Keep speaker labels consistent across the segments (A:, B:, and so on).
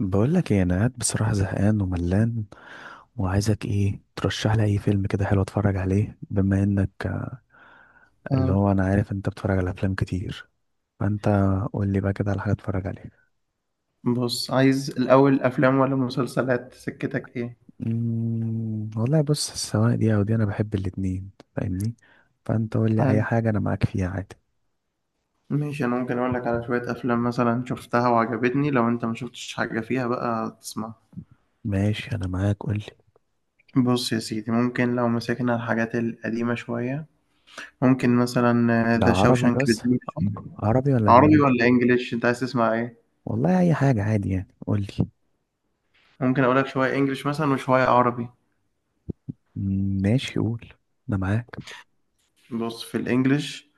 A: بقول لك ايه، انا قاعد بصراحه زهقان وملان، وعايزك ايه ترشح لي اي فيلم كده حلو اتفرج عليه. بما انك اللي
B: اه.
A: هو انا عارف انت بتتفرج على افلام كتير، فانت قول لي بقى كده على حاجه اتفرج عليها.
B: بص، عايز الأول أفلام ولا مسلسلات سكتك إيه؟
A: والله بص، سواء دي او دي، انا بحب الاتنين، فاهمني. فانت قول لي اي
B: حال.
A: حاجه انا معاك فيها عادي.
B: ماشي، أنا ممكن أقول لك على شوية أفلام مثلا شفتها وعجبتني، لو أنت ما شفتش حاجة فيها بقى تسمع.
A: ماشي، انا معاك، قول لي.
B: بص يا سيدي، ممكن لو مسكنا الحاجات القديمة شوية ممكن مثلا
A: ده
B: ذا
A: عربي
B: شاوشانك
A: بس،
B: ريديمشن.
A: عربي ولا
B: عربي
A: اجنبي؟
B: ولا إنجليش أنت عايز تسمع إيه؟
A: والله اي حاجه عادي، يعني قول لي.
B: ممكن أقول لك شوية إنجليش مثلا وشوية عربي.
A: ماشي، قول، انا معاك.
B: بص في الإنجليش،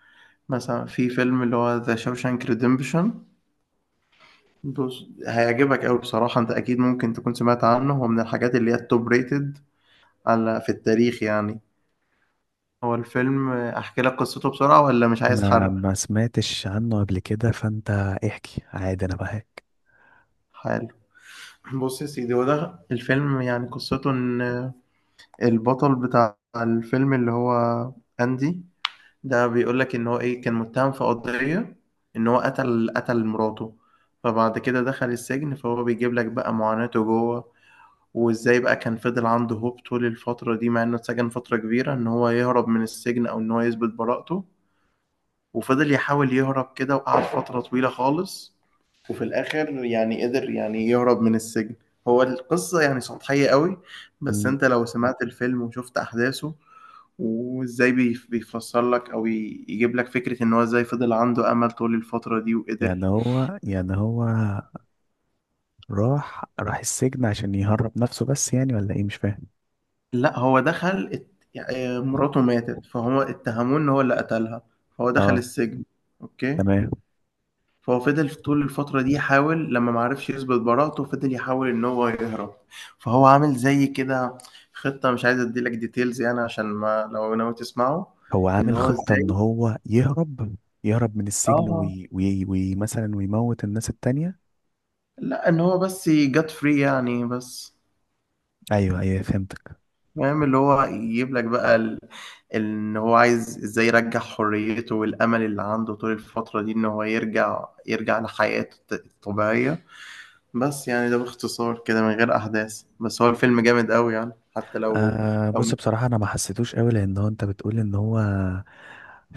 B: مثلا في فيلم اللي هو ذا شاوشانك ريديمشن. بص هيعجبك قوي بصراحة، انت اكيد ممكن تكون سمعت عنه، هو من الحاجات اللي هي التوب ريتد على في التاريخ يعني. هو الفيلم احكي لك قصته بسرعة ولا مش عايز
A: انا
B: حرق؟
A: ما سمعتش عنه قبل كده، فانت احكي عادي، انا بهاك.
B: حلو. بص يا سيدي، هو ده الفيلم، يعني قصته ان البطل بتاع الفيلم اللي هو اندي ده بيقول لك ان هو ايه كان متهم في قضية ان هو قتل مراته. فبعد كده دخل السجن، فهو بيجيب لك بقى معاناته جوه، وازاي بقى كان فضل عنده هوب طول الفترة دي مع انه اتسجن فترة كبيرة ان هو يهرب من السجن او ان هو يثبت براءته. وفضل يحاول يهرب كده وقعد فترة طويلة خالص، وفي الاخر يعني قدر يعني يهرب من السجن. هو القصة يعني سطحية قوي، بس
A: مم.
B: انت لو سمعت الفيلم وشفت احداثه وازاي بيفسر لك او يجيب لك فكرة ان هو ازاي فضل عنده امل طول الفترة دي
A: يعني
B: وقدر.
A: هو يعني هو راح السجن عشان يهرب نفسه، بس يعني ولا ايه مش فاهم؟
B: لا، هو يعني مراته ماتت فهو اتهموه ان هو اللي قتلها، فهو دخل
A: اه،
B: السجن. اوكي.
A: تمام.
B: فهو فضل في طول الفترة دي يحاول، لما معرفش يثبت براءته فضل يحاول ان هو يهرب. فهو عامل زي كده خطة، مش عايز اديلك ديتيلز يعني عشان ما لو ناوي تسمعه.
A: هو
B: ان
A: عامل
B: هو
A: خطة ان
B: ازاي.
A: هو يهرب من السجن،
B: اه.
A: وي وي وي مثلا ويموت الناس التانية.
B: لا، ان هو بس جت فري يعني بس.
A: ايوه ايوه، فهمتك.
B: فاهم اللي هو يجيب لك بقى ان هو عايز ازاي يرجع حريته والامل اللي عنده طول الفترة دي ان هو يرجع لحياته الطبيعية. بس يعني ده باختصار كده من غير احداث، بس هو الفيلم جامد قوي يعني، حتى لو
A: آه،
B: لو
A: بص بصراحة أنا ما حسيتوش قوي، لأن هو أنت بتقول إن هو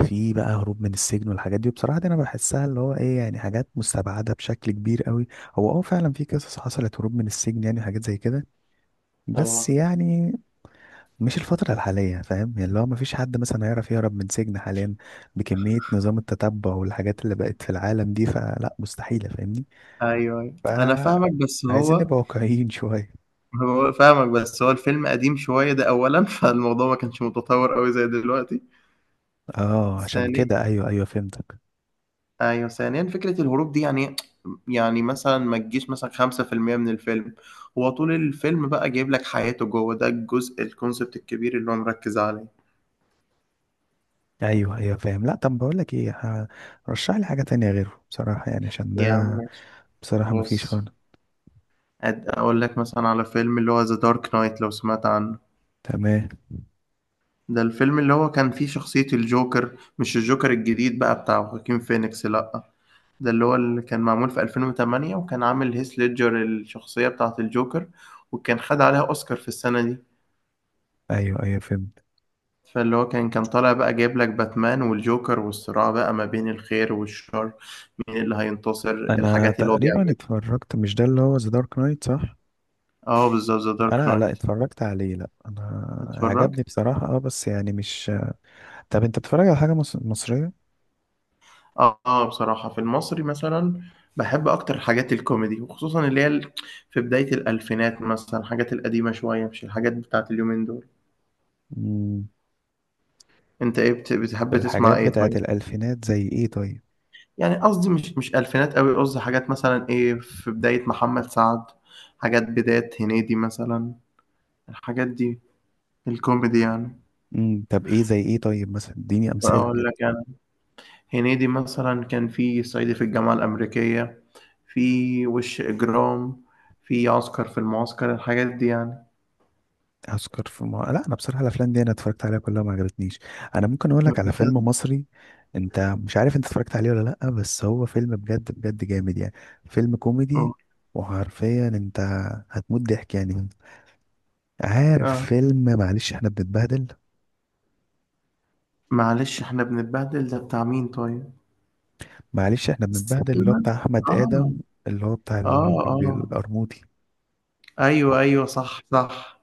A: في بقى هروب من السجن والحاجات دي، وبصراحة دي أنا بحسها اللي هو إيه يعني حاجات مستبعدة بشكل كبير قوي. هو فعلا في قصص حصلت هروب من السجن، يعني حاجات زي كده، بس
B: اه.
A: يعني مش الفترة الحالية، فاهم يعني، اللي هو ما فيش حد مثلا هيعرف يهرب من سجن حاليا بكمية نظام التتبع والحاجات اللي بقت في العالم دي، فلا مستحيلة، فاهمني.
B: ايوه ايوه
A: ف
B: انا فاهمك، بس
A: عايزين
B: هو
A: نبقى واقعيين شوية.
B: هو فاهمك، بس هو الفيلم قديم شوية ده اولا فالموضوع ما كانش متطور قوي زي دلوقتي.
A: اه، عشان
B: ثانيا.
A: كده ايوه ايوه فهمتك.
B: ايوه، ثانيا فكره الهروب دي يعني، يعني مثلا ما تجيش مثلا 5% من الفيلم. هو طول الفيلم بقى جايب لك حياته جوه، ده الجزء الكونسبت الكبير اللي هو مركز عليه.
A: ايوه ايوه فاهم. لا طب بقول لك ايه، رشح لي حاجه تانية غيره بصراحه، يعني عشان ده
B: يعني ماشي.
A: بصراحه ما فيش
B: بص،
A: خالص.
B: اقول لك مثلا على فيلم اللي هو ذا دارك نايت لو سمعت عنه.
A: تمام.
B: ده الفيلم اللي هو كان فيه شخصية الجوكر، مش الجوكر الجديد بقى بتاع خواكين فينيكس، لأ، ده اللي كان معمول في 2008، وكان عامل هيث ليدجر الشخصية بتاعة الجوكر، وكان خد عليها أوسكار في السنة دي.
A: ايوه ايوه فهمت.
B: فاللي هو كان طالع بقى جايب لك باتمان والجوكر والصراع بقى ما بين الخير والشر، مين اللي هينتصر،
A: انا
B: الحاجات اللي هو
A: تقريبا
B: بيعملها.
A: اتفرجت، مش ده اللي هو ذا دارك نايت صح؟
B: اه بالظبط ذا دارك
A: انا، لا
B: نايت.
A: اتفرجت عليه، لا انا عجبني
B: اتفرجت.
A: بصراحه، اه، بس يعني مش... طب انت بتتفرج على حاجه مصريه؟
B: اه آه، بصراحة في المصري مثلا بحب اكتر حاجات الكوميدي، وخصوصا اللي هي في بداية الالفينات مثلا الحاجات القديمة شوية مش الحاجات بتاعت اليومين دول.
A: امم
B: انت ايه بتحب تسمع
A: بالحاجات
B: ايه
A: بتاعت
B: طيب؟
A: الالفينات زي ايه طيب؟
B: يعني قصدي مش الفينات قوي، قصدي حاجات مثلا ايه في بداية محمد سعد، حاجات بداية هنيدي مثلا، الحاجات دي الكوميدي يعني.
A: طب ايه زي ايه طيب، مثلا اديني امثله
B: أقول
A: كده.
B: لك أنا. هنيدي مثلا كان في صعيدي في الجامعة الأمريكية، في وش إجرام، في عسكر في المعسكر، الحاجات دي يعني.
A: هسكر في ما... لا انا بصراحه الافلام دي انا اتفرجت عليها كلها ما عجبتنيش. انا ممكن اقول
B: طب
A: لك على فيلم
B: بجد؟
A: مصري، انت مش عارف انت اتفرجت عليه ولا لا، بس هو فيلم بجد بجد جامد يعني. فيلم
B: أه
A: كوميدي، وحرفيا انت هتموت ضحك يعني. عارف
B: آه.
A: فيلم معلش احنا بنتبهدل؟
B: معلش إحنا بنتبهدل ده بتاع مين طيب؟
A: معلش احنا بنتبهدل اللي هو
B: سلمان.
A: بتاع احمد
B: آه.
A: ادم، اللي هو بتاع اللي هو
B: آه
A: كان بيقول
B: آه
A: القرموطي.
B: أيوه أيوه صح صح.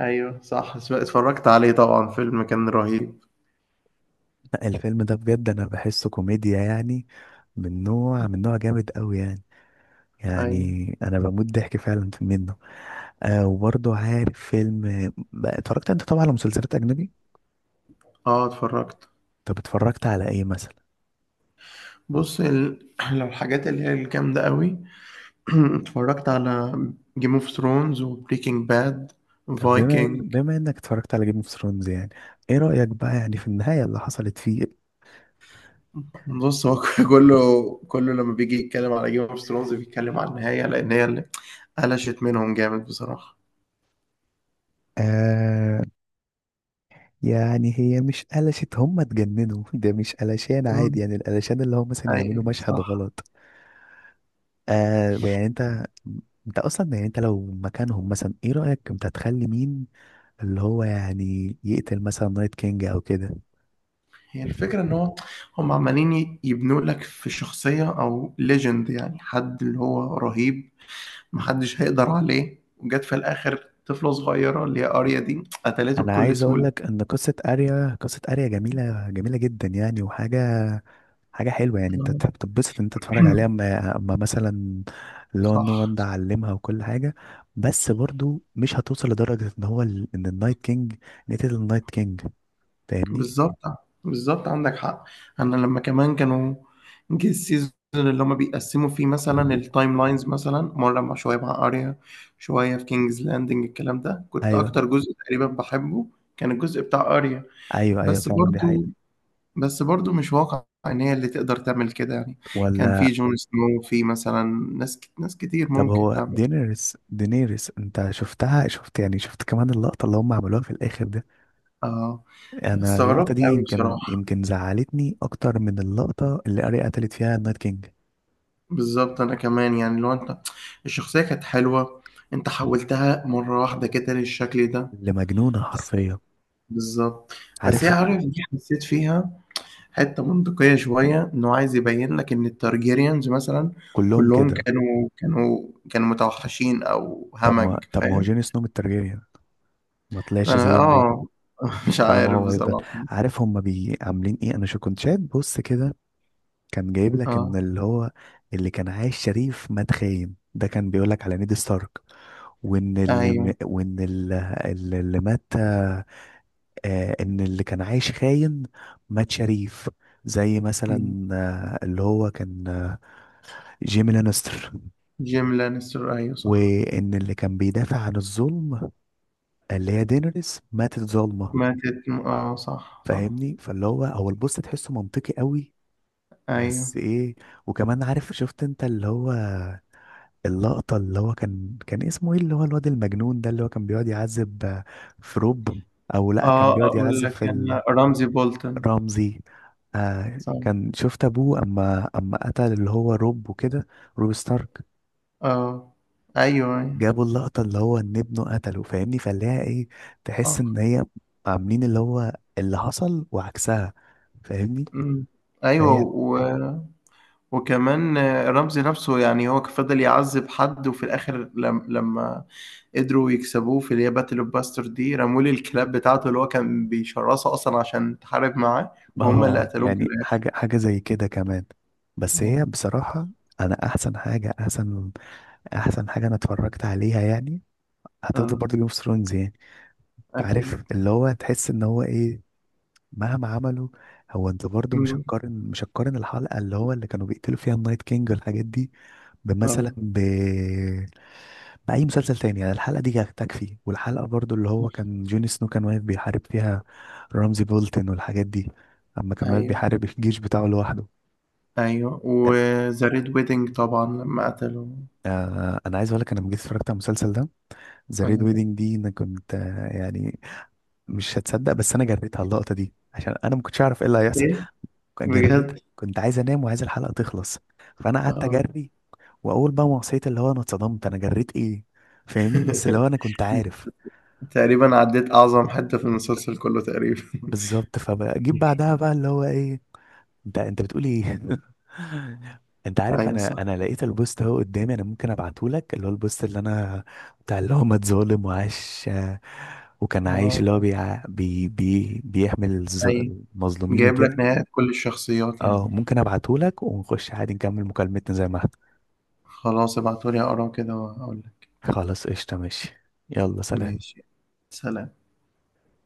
B: أيوه صح، اتفرجت عليه طبعا، فيلم كان رهيب.
A: لا، الفيلم ده بجد انا بحسه كوميديا، يعني من نوع جامد قوي يعني.
B: أيوه.
A: يعني انا بموت ضحك فعلا في منه. آه، وبرضه عارف فيلم بقى اتفرجت انت طبعا على مسلسلات اجنبي.
B: آه اتفرجت.
A: طب اتفرجت على ايه مثلا؟
B: بص لو الحاجات اللي هي الجامدة قوي اتفرجت على جيم اوف ثرونز وبريكنج باد
A: طب بما ان
B: فايكنج.
A: بما انك اتفرجت على جيم اوف ثرونز، يعني ايه رأيك بقى يعني في النهاية اللي حصلت فيه؟
B: بص هو كله كله لما بيجي يتكلم على جيم اوف ثرونز بيتكلم على النهاية، لأن هي اللي قلشت منهم جامد بصراحة.
A: آه. يعني هي مش قلشت، هم اتجننوا ده مش قلشان عادي،
B: مم.
A: يعني القلشان اللي هم مثلا يعملوا
B: أيوة
A: مشهد
B: صح.
A: غلط. آه، يعني انت اصلا يعني انت لو مكانهم، مثلا ايه رأيك انت تخلي مين اللي هو يعني يقتل مثلا نايت كينج او كده؟
B: هي الفكرة إن هو، هم عمالين يبنوا لك في شخصية أو ليجند، يعني حد اللي هو رهيب محدش هيقدر عليه، وجت في الآخر طفلة صغيرة اللي هي أريا دي قتلته
A: انا
B: بكل
A: عايز اقول لك
B: سهولة.
A: ان قصه اريا جميله جميله جدا يعني، وحاجه حلوه، يعني انت تحب تتبسط ان انت تتفرج عليها. اما مثلا اللي هو نو وان
B: صح.
A: ده علمها وكل حاجه، بس برضو مش هتوصل لدرجه ان هو ان النايت كينج نتيجة النايت كينج، فاهمني.
B: بالظبط، بالظبط عندك حق. انا لما كمان كانوا جه السيزون اللي هما بيقسموا فيه مثلا التايم لاينز، مثلا مره مع شويه مع اريا، شويه في كينجز لاندنج، الكلام ده كنت
A: ايوه
B: اكتر جزء تقريبا بحبه، كان الجزء بتاع اريا.
A: ايوه ايوه،
B: بس
A: فعلا دي حقيقه.
B: برضو بس برضو مش واقع ان هي اللي تقدر تعمل كده يعني. كان في
A: ولا
B: جون سنو، في مثلا ناس ناس كتير
A: طب
B: ممكن
A: هو
B: تعمل.
A: دينيريس انت شفتها، شفت يعني شفت كمان اللقطه اللي هم عملوها في الاخر دي؟
B: اه،
A: انا اللقطه
B: استغربت
A: دي
B: قوي
A: يمكن
B: بصراحه.
A: يمكن زعلتني اكتر من اللقطه اللي اريا قتلت فيها النايت كينج،
B: بالظبط، انا كمان يعني لو انت، الشخصية كانت حلوة، انت حولتها مرة واحدة كده للشكل ده.
A: اللي مجنونه حرفيا،
B: بالظبط. بس هي
A: عارف.
B: عارف دي حسيت فيها حتة منطقية شوية، انه عايز يبين لك ان التارجيريانز مثلا
A: كلهم
B: كلهم
A: كده.
B: كانوا متوحشين او
A: طب ما
B: همج،
A: طب ما هو
B: فاهم.
A: جون سنو من الترجية، ما طلعش
B: انا
A: زيهم ليه؟
B: اه مش
A: طالما
B: عارف
A: هو هيفضل،
B: بصراحة بس.
A: عارف هما عاملين ايه. انا شو كنت شايف، بص كده، كان جايب لك ان
B: اه
A: اللي هو اللي كان عايش شريف مات خاين. ده كان بيقول لك على نيد ستارك، وان اللي م-
B: ايوه
A: وان اللي, اللي مات. آه، ان اللي كان عايش خاين مات شريف، زي مثلا اللي هو كان جيمي لانستر.
B: جيم لانستر ايوه صح.
A: وان اللي كان بيدافع عن الظلم اللي هي دينيريس ماتت ظالمة،
B: ماتت اه صح صح.
A: فاهمني، فاللي هو هو البوست تحسه منطقي قوي.
B: ايوه.
A: بس ايه؟ وكمان عارف، شفت انت اللي هو اللقطة اللي هو كان اسمه ايه، اللي هو الواد المجنون ده اللي هو كان بيقعد يعذب في روب؟ او لا، كان
B: آه
A: بيقعد
B: أقول
A: يعذب
B: لك
A: في
B: أنا رمزي بولتن.
A: رمزي. آه،
B: صح.
A: كان شفت ابوه اما قتل اللي هو روب وكده، روب ستارك؟
B: آه. أيوه أيوه
A: جابوا اللقطة اللي هو ان ابنه قتله، فاهمني، فاللي هي ايه، تحس
B: صح.
A: ان هي عاملين اللي هو اللي حصل وعكسها، فاهمني.
B: مم. أيوه
A: فهي،
B: و... وكمان رمزي نفسه يعني هو فضل يعذب حد، وفي الآخر لم... لما قدروا يكسبوه في اللي هي باتل أوف باستر دي، رموا لي الكلاب بتاعته اللي هو كان بيشرسه أصلا عشان تحارب معاه، وهم اللي
A: اه،
B: قتلوه في
A: يعني
B: الآخر.
A: حاجة زي كده كمان. بس
B: آه.
A: هي بصراحة، انا احسن حاجة انا اتفرجت عليها يعني هتفضل
B: آه
A: برضه جيم اوف ثرونز يعني.
B: أكيد.
A: عارف اللي هو تحس ان هو ايه، مهما عملوا، هو انت برضو مش
B: مم.
A: هتقارن مش هتقارن الحلقه اللي هو اللي كانوا بيقتلوا فيها النايت كينج والحاجات دي بمثلا
B: آه
A: باي مسلسل تاني. يعني الحلقه دي تكفي، والحلقه برضو اللي هو
B: صح
A: كان جون سنو كان واقف بيحارب فيها رمزي بولتن والحاجات دي، اما كان واقف
B: أيوه
A: بيحارب الجيش بتاعه لوحده.
B: أيوه. وذا ريد ويدنج طبعا لما قتلوا.
A: آه، انا عايز اقول لك، انا لما جيت اتفرجت على المسلسل ده، ذا ريد
B: آه.
A: ويدنج دي انا كنت يعني مش هتصدق، بس انا جريتها اللقطه دي عشان انا ما كنتش اعرف ايه اللي هيحصل.
B: إيه؟
A: جربتها،
B: بجد.
A: كنت عايز انام وعايز الحلقه تخلص، فانا قعدت
B: اه
A: اجري. واول بقى ما وصلت اللي هو، انا اتصدمت انا جريت ايه، فاهمني. بس اللي هو انا كنت عارف.
B: تقريبا عديت اعظم حتة في المسلسل كله تقريبا
A: بالظبط، فبجيب بعدها بقى اللي هو ايه، انت بتقول ايه. انت عارف،
B: ايوه
A: انا
B: صح.
A: انا لقيت البوست اهو قدامي، انا ممكن ابعته لك، اللي هو البوست اللي انا بتاع اللي هو ما اتظالم وعاش، وكان عايش
B: اه
A: اللي هو بيحمل الظ-
B: ايوه
A: المظلومين
B: جايب لك
A: وكده.
B: نهاية كل الشخصيات
A: اه،
B: يعني.
A: ممكن ابعته لك ونخش عادي نكمل مكالمتنا زي ما احنا.
B: خلاص ابعتولي اقراه كده واقول لك.
A: خلاص قشطة، ماشي، يلا سلام.
B: ماشي. سلام.